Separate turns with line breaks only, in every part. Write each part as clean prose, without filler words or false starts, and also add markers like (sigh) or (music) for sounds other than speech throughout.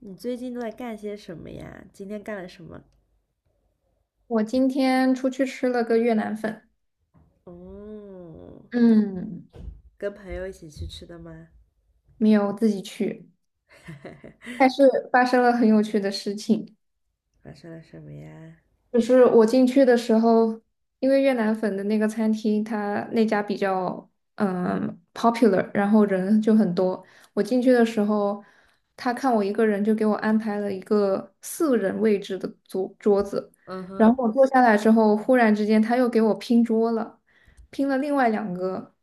你最近都在干些什么呀？今天干了什么？
我今天出去吃了个越南粉，
哦，
嗯，
跟朋友一起去吃的吗？
没有自己去，但
(laughs)
是发生了很有趣的事情。
发生了什么呀？
就是我进去的时候，因为越南粉的那个餐厅，他那家比较popular，然后人就很多。我进去的时候，他看我一个人，就给我安排了一个四人位置的桌子。
嗯
然
哼，
后我坐下来之后，忽然之间他又给我拼桌了，拼了另外两个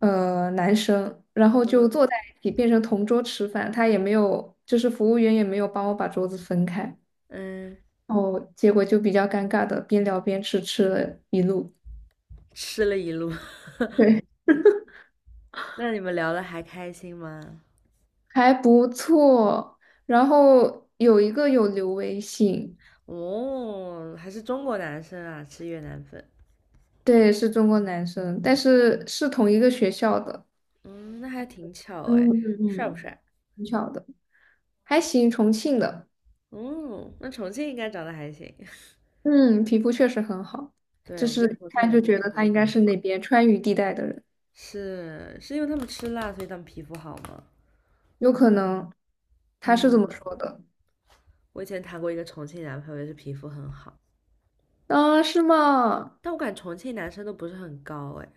男生，然后就
嗯
坐在一起变成同桌吃饭。他也没有，就是服务员也没有帮我把桌子分开。
嗯，
哦，结果就比较尴尬的，边聊边吃，吃了一路
吃了一路。(laughs)
(laughs)，对，
那你们聊的还开心吗？
还不错。然后有一个有留微信，
哦，还是中国男生啊，吃越南粉。
对，是中国男生，但是是同一个学校的，
嗯，那还挺巧
嗯
哎，
嗯
帅不
嗯，
帅？
挺巧的，还行，重庆的，
嗯，那重庆应该长得还行。(laughs)
嗯，皮肤确实很好，
对，
就
我觉
是
得
一
重庆
看
男
就
生
觉
皮
得
肤
他
都
应
很
该是
好。
那边川渝地带的人，
是，是因为他们吃辣，所以他们皮肤好吗？
有可能，他是这么说
嗯。
的，
我以前谈过一个重庆男朋友，也是皮肤很好，
啊，是吗？
但我感觉重庆男生都不是很高，哎，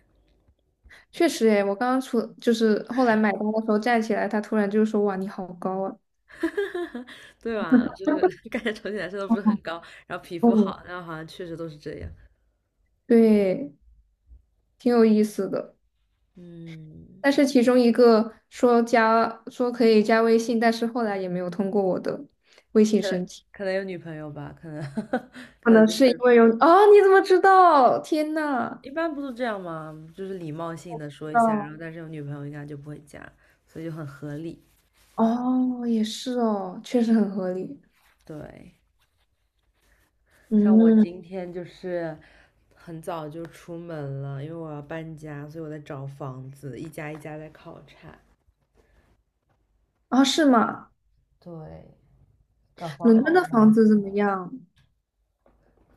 确实诶，我刚刚就是后来买单的时候站起来，他突然就说：“哇，你好高啊！”
对吧？(laughs) 就是感觉重庆男生都不
哦，
是很高，然后皮肤
哦
好，然后好像确实都是这样。
对，挺有意思的。
嗯，
但是其中一个说可以加微信，但是后来也没有通过我的微信
可
申请，
可能有女朋友吧，可能 (laughs)
可
可能
能
就
是因
是
为有啊？你怎么知道？天呐！
一般不都这样吗？就是礼貌性的
知
说一下，然
道
后但是有女朋友应该就不会加，所以就很合理。
哦，也是哦，确实很合理。
对，像我
嗯，
今天就是很早就出门了，因为我要搬家，所以我在找房子，一家一家在考察。
啊，是吗？
对，找房
伦敦
好
的房
难。
子怎么样？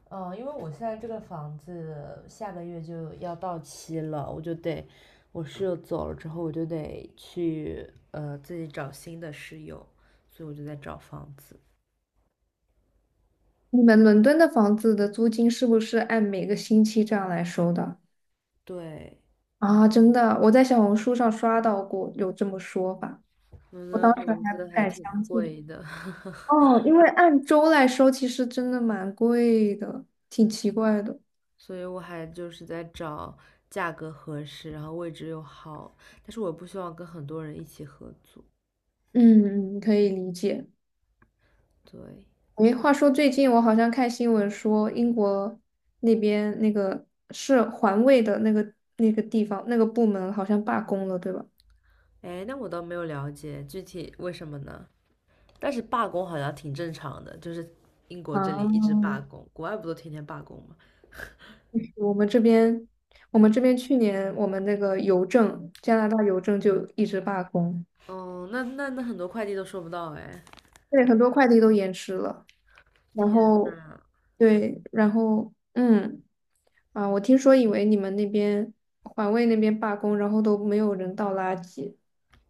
嗯，因为我现在这个房子下个月就要到期了，我就得，我室友走了之后，我就得去自己找新的室友，所以我就在找房子。
你们伦敦的房子的租金是不是按每个星期这样来收的？
对，
啊，真的，我在小红书上刷到过有这么说法，
我
我
的
当时
房
还
子
不
还
敢
挺
相信。
贵的，(laughs)
哦，因为按周来收，其实真的蛮贵的，挺奇怪的。
所以我还就是在找价格合适，然后位置又好，但是我不希望跟很多人一起合租。
嗯，可以理解。
对，
诶，话说最近我好像看新闻说，英国那边那个是环卫的那个地方那个部门好像罢工了，对吧？
哎，那我倒没有了解具体为什么呢？但是罢工好像挺正常的，就是英国这里
啊，
一直罢工，国外不都天天罢工吗？
我们这边，我们这边去年我们那个邮政，加拿大邮政就一直罢工。
嗯，那很多快递都收不到哎，
对，很多快递都延迟了。然
天
后，
呐，
对，然后，嗯，啊，我听说以为你们那边环卫那边罢工，然后都没有人倒垃圾。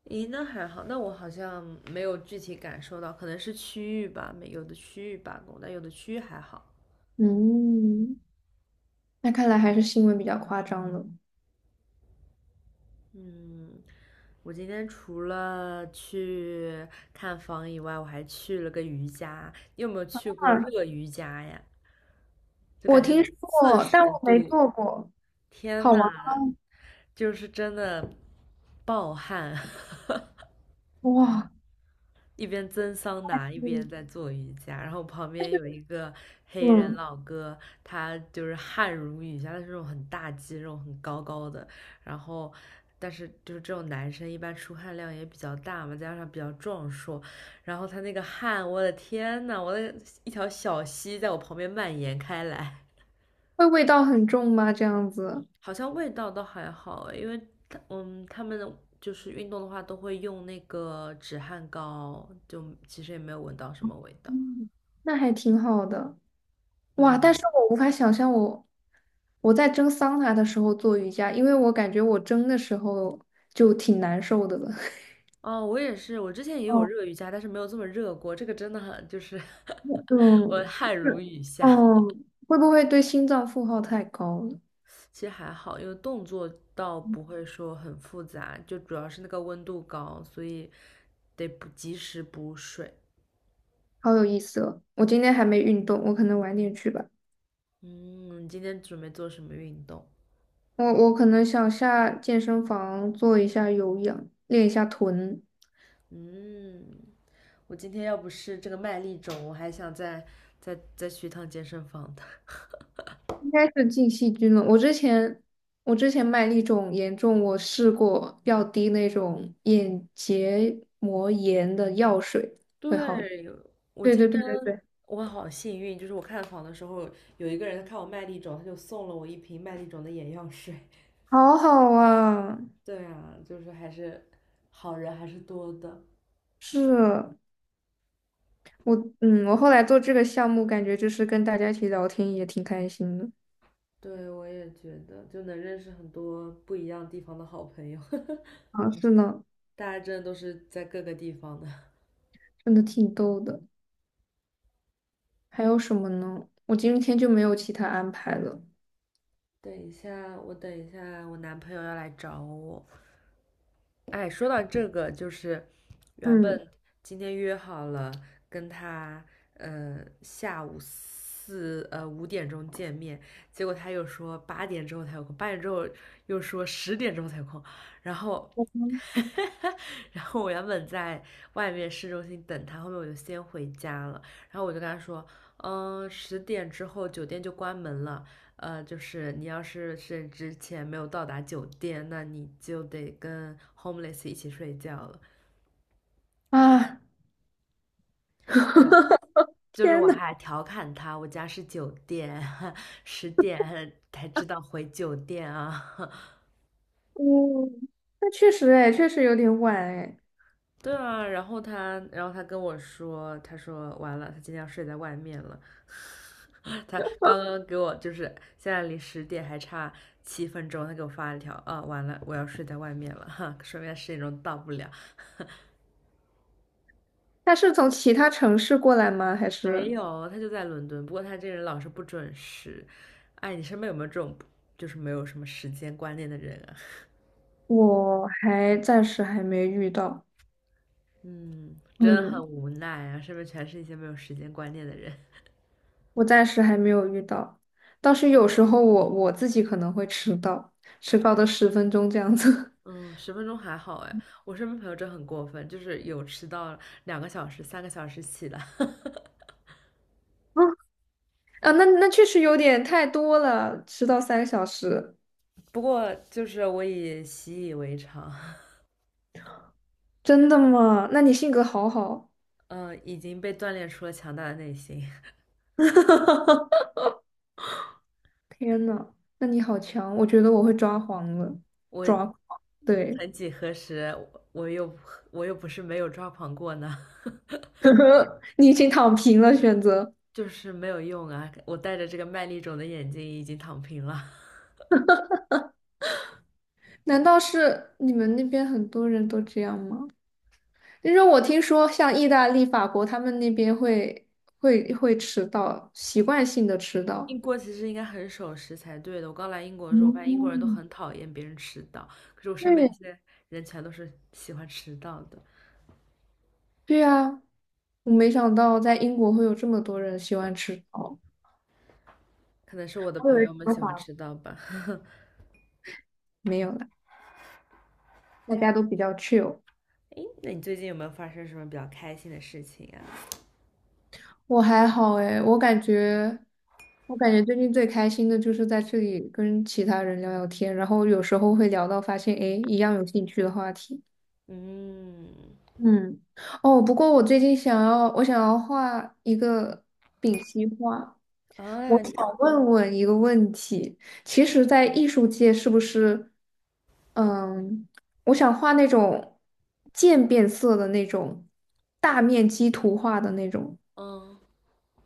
咦，那还好，那我好像没有具体感受到，可能是区域吧，没有的区域罢工，但有的区域还好。
嗯，那看来还是新闻比较夸张了。
嗯，我今天除了去看房以外，我还去了个瑜伽。你有没有去过
啊，
热瑜伽呀？就
我
感觉有
听说
四
过，但
十
我没
度，
做过。
天
好
呐，
玩
就是真的暴汗，(laughs)
哇，
一边蒸桑拿一边
嗯，
在做瑜伽，然后旁
但
边
是
有一个黑人
嗯，
老哥，他就是汗如雨下，他是那种很大肌肉、很高高的，然后。但是就是这种男生一般出汗量也比较大嘛，加上比较壮硕，然后他那个汗，我的天呐，我的一条小溪在我旁边蔓延开来。
会味道很重吗？这样子，
好像味道倒还好诶因为他嗯，他们就是运动的话都会用那个止汗膏，就其实也没有闻到什么味道。
嗯，那还挺好的。哇！但是
嗯，
我无法想象我在蒸桑拿的时候做瑜伽，因为我感觉我蒸的时候就挺难受的了。(laughs)
哦，我也是，我之前也有
哦，
热瑜伽，但是没有这么热过。这个真的很就是 (laughs) 我
嗯，就
汗如
是
雨
(laughs)
下。
嗯，会不会对心脏负荷太高了？
其实还好，因为动作倒不会说很复杂，就主要是那个温度高，所以得补及时补水。
好有意思哦！我今天还没运动，我可能晚点去吧。
嗯，你今天准备做什么运动？
我可能想下健身房做一下有氧，练一下臀。
嗯。我今天要不是这个麦粒肿，我还想再去一趟健身房的。(laughs)
应该是进细菌了。我之前麦粒肿严重，我试过要滴那种眼结膜炎的药水。
对，我
对
今
对
天
对对对，
我好幸运，就是我看房的时候，有一个人看我麦粒肿，他就送了我一瓶麦粒肿的眼药水。
好好啊！
(laughs) 对啊，就是还是好人还是多的。
是我我后来做这个项目，感觉就是跟大家一起聊天也挺开心的。
对，我也觉得，就能认识很多不一样地方的好朋友，(laughs)
啊，是呢，
大家真的都是在各个地方的。
真的挺逗的。还有什么呢？我今天就没有其他安排了。
等一下，我等一下，我男朋友要来找我。哎，说到这个，就是原
嗯
本今天约好了跟他，下午5点钟见面，结果他又说八点之后才有空，八点之后又说十点钟才有空，然后，(laughs) 然后我原本在外面市中心等他，后面我就先回家了，然后我就跟他说，十点之后酒店就关门了，就是你要是之前没有到达酒店，那你就得跟 homeless 一起睡觉了。
啊，
对，
(laughs)
就是
天
我
呐，
还调侃他，我家是酒店，(laughs) 十点还才知道回酒店啊。(laughs)
嗯，那确实哎，确实有点晚哎。
对啊，然后他，然后他跟我说，他说完了，他今天要睡在外面了。(laughs) 他刚刚给我就是现在离十点还差7分钟，他给我发了一条啊，完了，我要睡在外面了，(laughs) 哈，说明10点钟到不了。
他是从其他城市过来吗？还
没
是
有，他就在伦敦，不过他这个人老是不准时。哎，你身边有没有这种就是没有什么时间观念的人啊？
我还暂时还没遇到？
(laughs) 嗯，真的很
嗯，
无奈啊，身边全是一些没有时间观念的人。
我暂时还没有遇到，倒是有时候我自己可能会迟到，迟到的十分钟这样子。
(laughs) 嗯，10分钟还好哎，我身边朋友真的很过分，就是有迟到2个小时、3个小时起的。(laughs)
(laughs) 啊，那确实有点太多了，迟到三个小时，
不过就是我已习以为常，
真的吗？那你性格好好，
嗯，已经被锻炼出了强大的内心。
(laughs) 天呐，那你好强，我觉得我会抓狂了，
我
抓狂，对，
曾几何时，我又我又不是没有抓狂过呢。(laughs)
(laughs) 你已经躺平了，选择。
就是没有用啊！我戴着这个麦粒肿的眼睛已经躺平了。(laughs)
难道是你们那边很多人都这样吗？因为我听说像意大利、法国，他们那边会迟到，习惯性的迟到。
英国其实应该很守时才对的。我刚来英国的时候，发现英国人都
嗯，
很讨厌别人迟到，可是我身边
对，
一些人全都是喜欢迟到的，
对呀，我没想到在英国会有这么多人喜欢迟到。
可能是我的
我以
朋
为
友
只
们
有
喜欢
法
迟到吧。(laughs)
没有了，大家都比较 chill。
诶，那你最近有没有发生什么比较开心的事情啊？
我还好诶，我感觉最近最开心的就是在这里跟其他人聊聊天，然后有时候会聊到发现，诶，一样有兴趣的话题。
嗯，
嗯，哦，不过我最近想要画一个丙烯画。
啊，
我
你
想问问一个问题，其实，在艺术界是不是，嗯，我想画那种渐变色的那种大面积图画的那种，
嗯，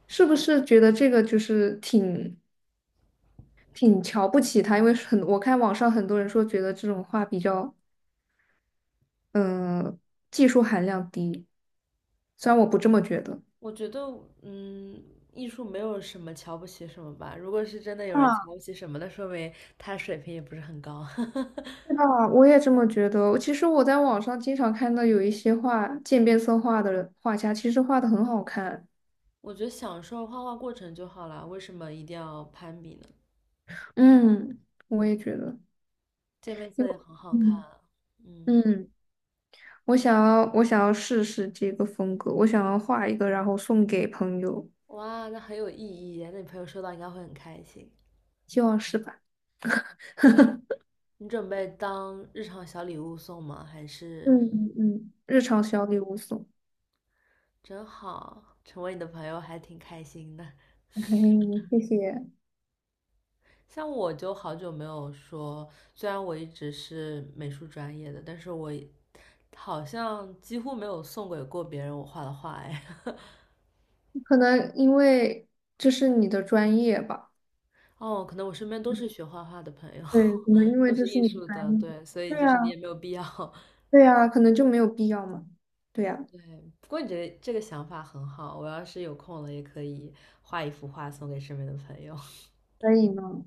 是不是觉得这个就是挺瞧不起它？因为很，我看网上很多人说觉得这种画比较，嗯，技术含量低，虽然我不这么觉得。
我觉得，嗯，艺术没有什么瞧不起什么吧。如果是真的有人瞧
啊。
不起什么，那说明他水平也不是很高。
是
(laughs)
吧？我也这么觉得。其实我在网上经常看到有一些画渐变色画的人画家，其实画的很好看。
我觉得享受画画过程就好啦，为什么一定要攀比呢？
嗯，我也觉得，
渐变色
因
也
为
很好看
嗯
啊，嗯，
嗯，我想要试试这个风格，我想要画一个，然后送给朋友，
哇，那很有意义那你朋友收到应该会很开心。
希望是吧？
你准备当日常小礼物送吗？还是
嗯嗯嗯，日常小礼物送。
真好，成为你的朋友还挺开心的。
嘿嘿，谢谢。
像我就好久没有说，虽然我一直是美术专业的，但是我好像几乎没有送给过别人我画的画哎。(laughs)
可能因为这是你的专业吧？
哦，可能我身边都是学画画的朋友，
对，可
(laughs)
能因为
都是
这是
艺
你的
术
专
的，
业。
对，所以
对
就是你也
呀，
没有必要。(laughs)
对呀，可能就没有必要嘛。对呀。
对，不过你觉得这个想法很好，我要是有空了也可以画一幅画送给身边的朋友。
可以吗？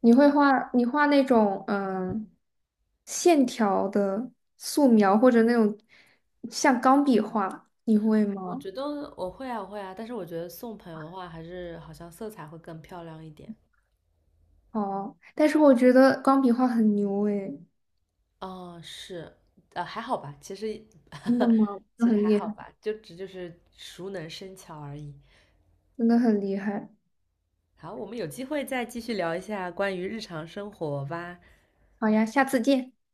你会画，你画那种线条的素描，或者那种像钢笔画，你会
(laughs) 我
吗？
觉得我会啊，我会啊，但是我觉得送朋友的话，还是好像色彩会更漂亮一点。
哦，但是我觉得钢笔画很牛诶，
嗯，是，还好吧，其实
真的
(laughs)
吗？真的
其实
很
还
厉
好
害，
吧，就只就是熟能生巧而已。
真的很厉害。
好，我们有机会再继续聊一下关于日常生活吧。
好呀，下次见。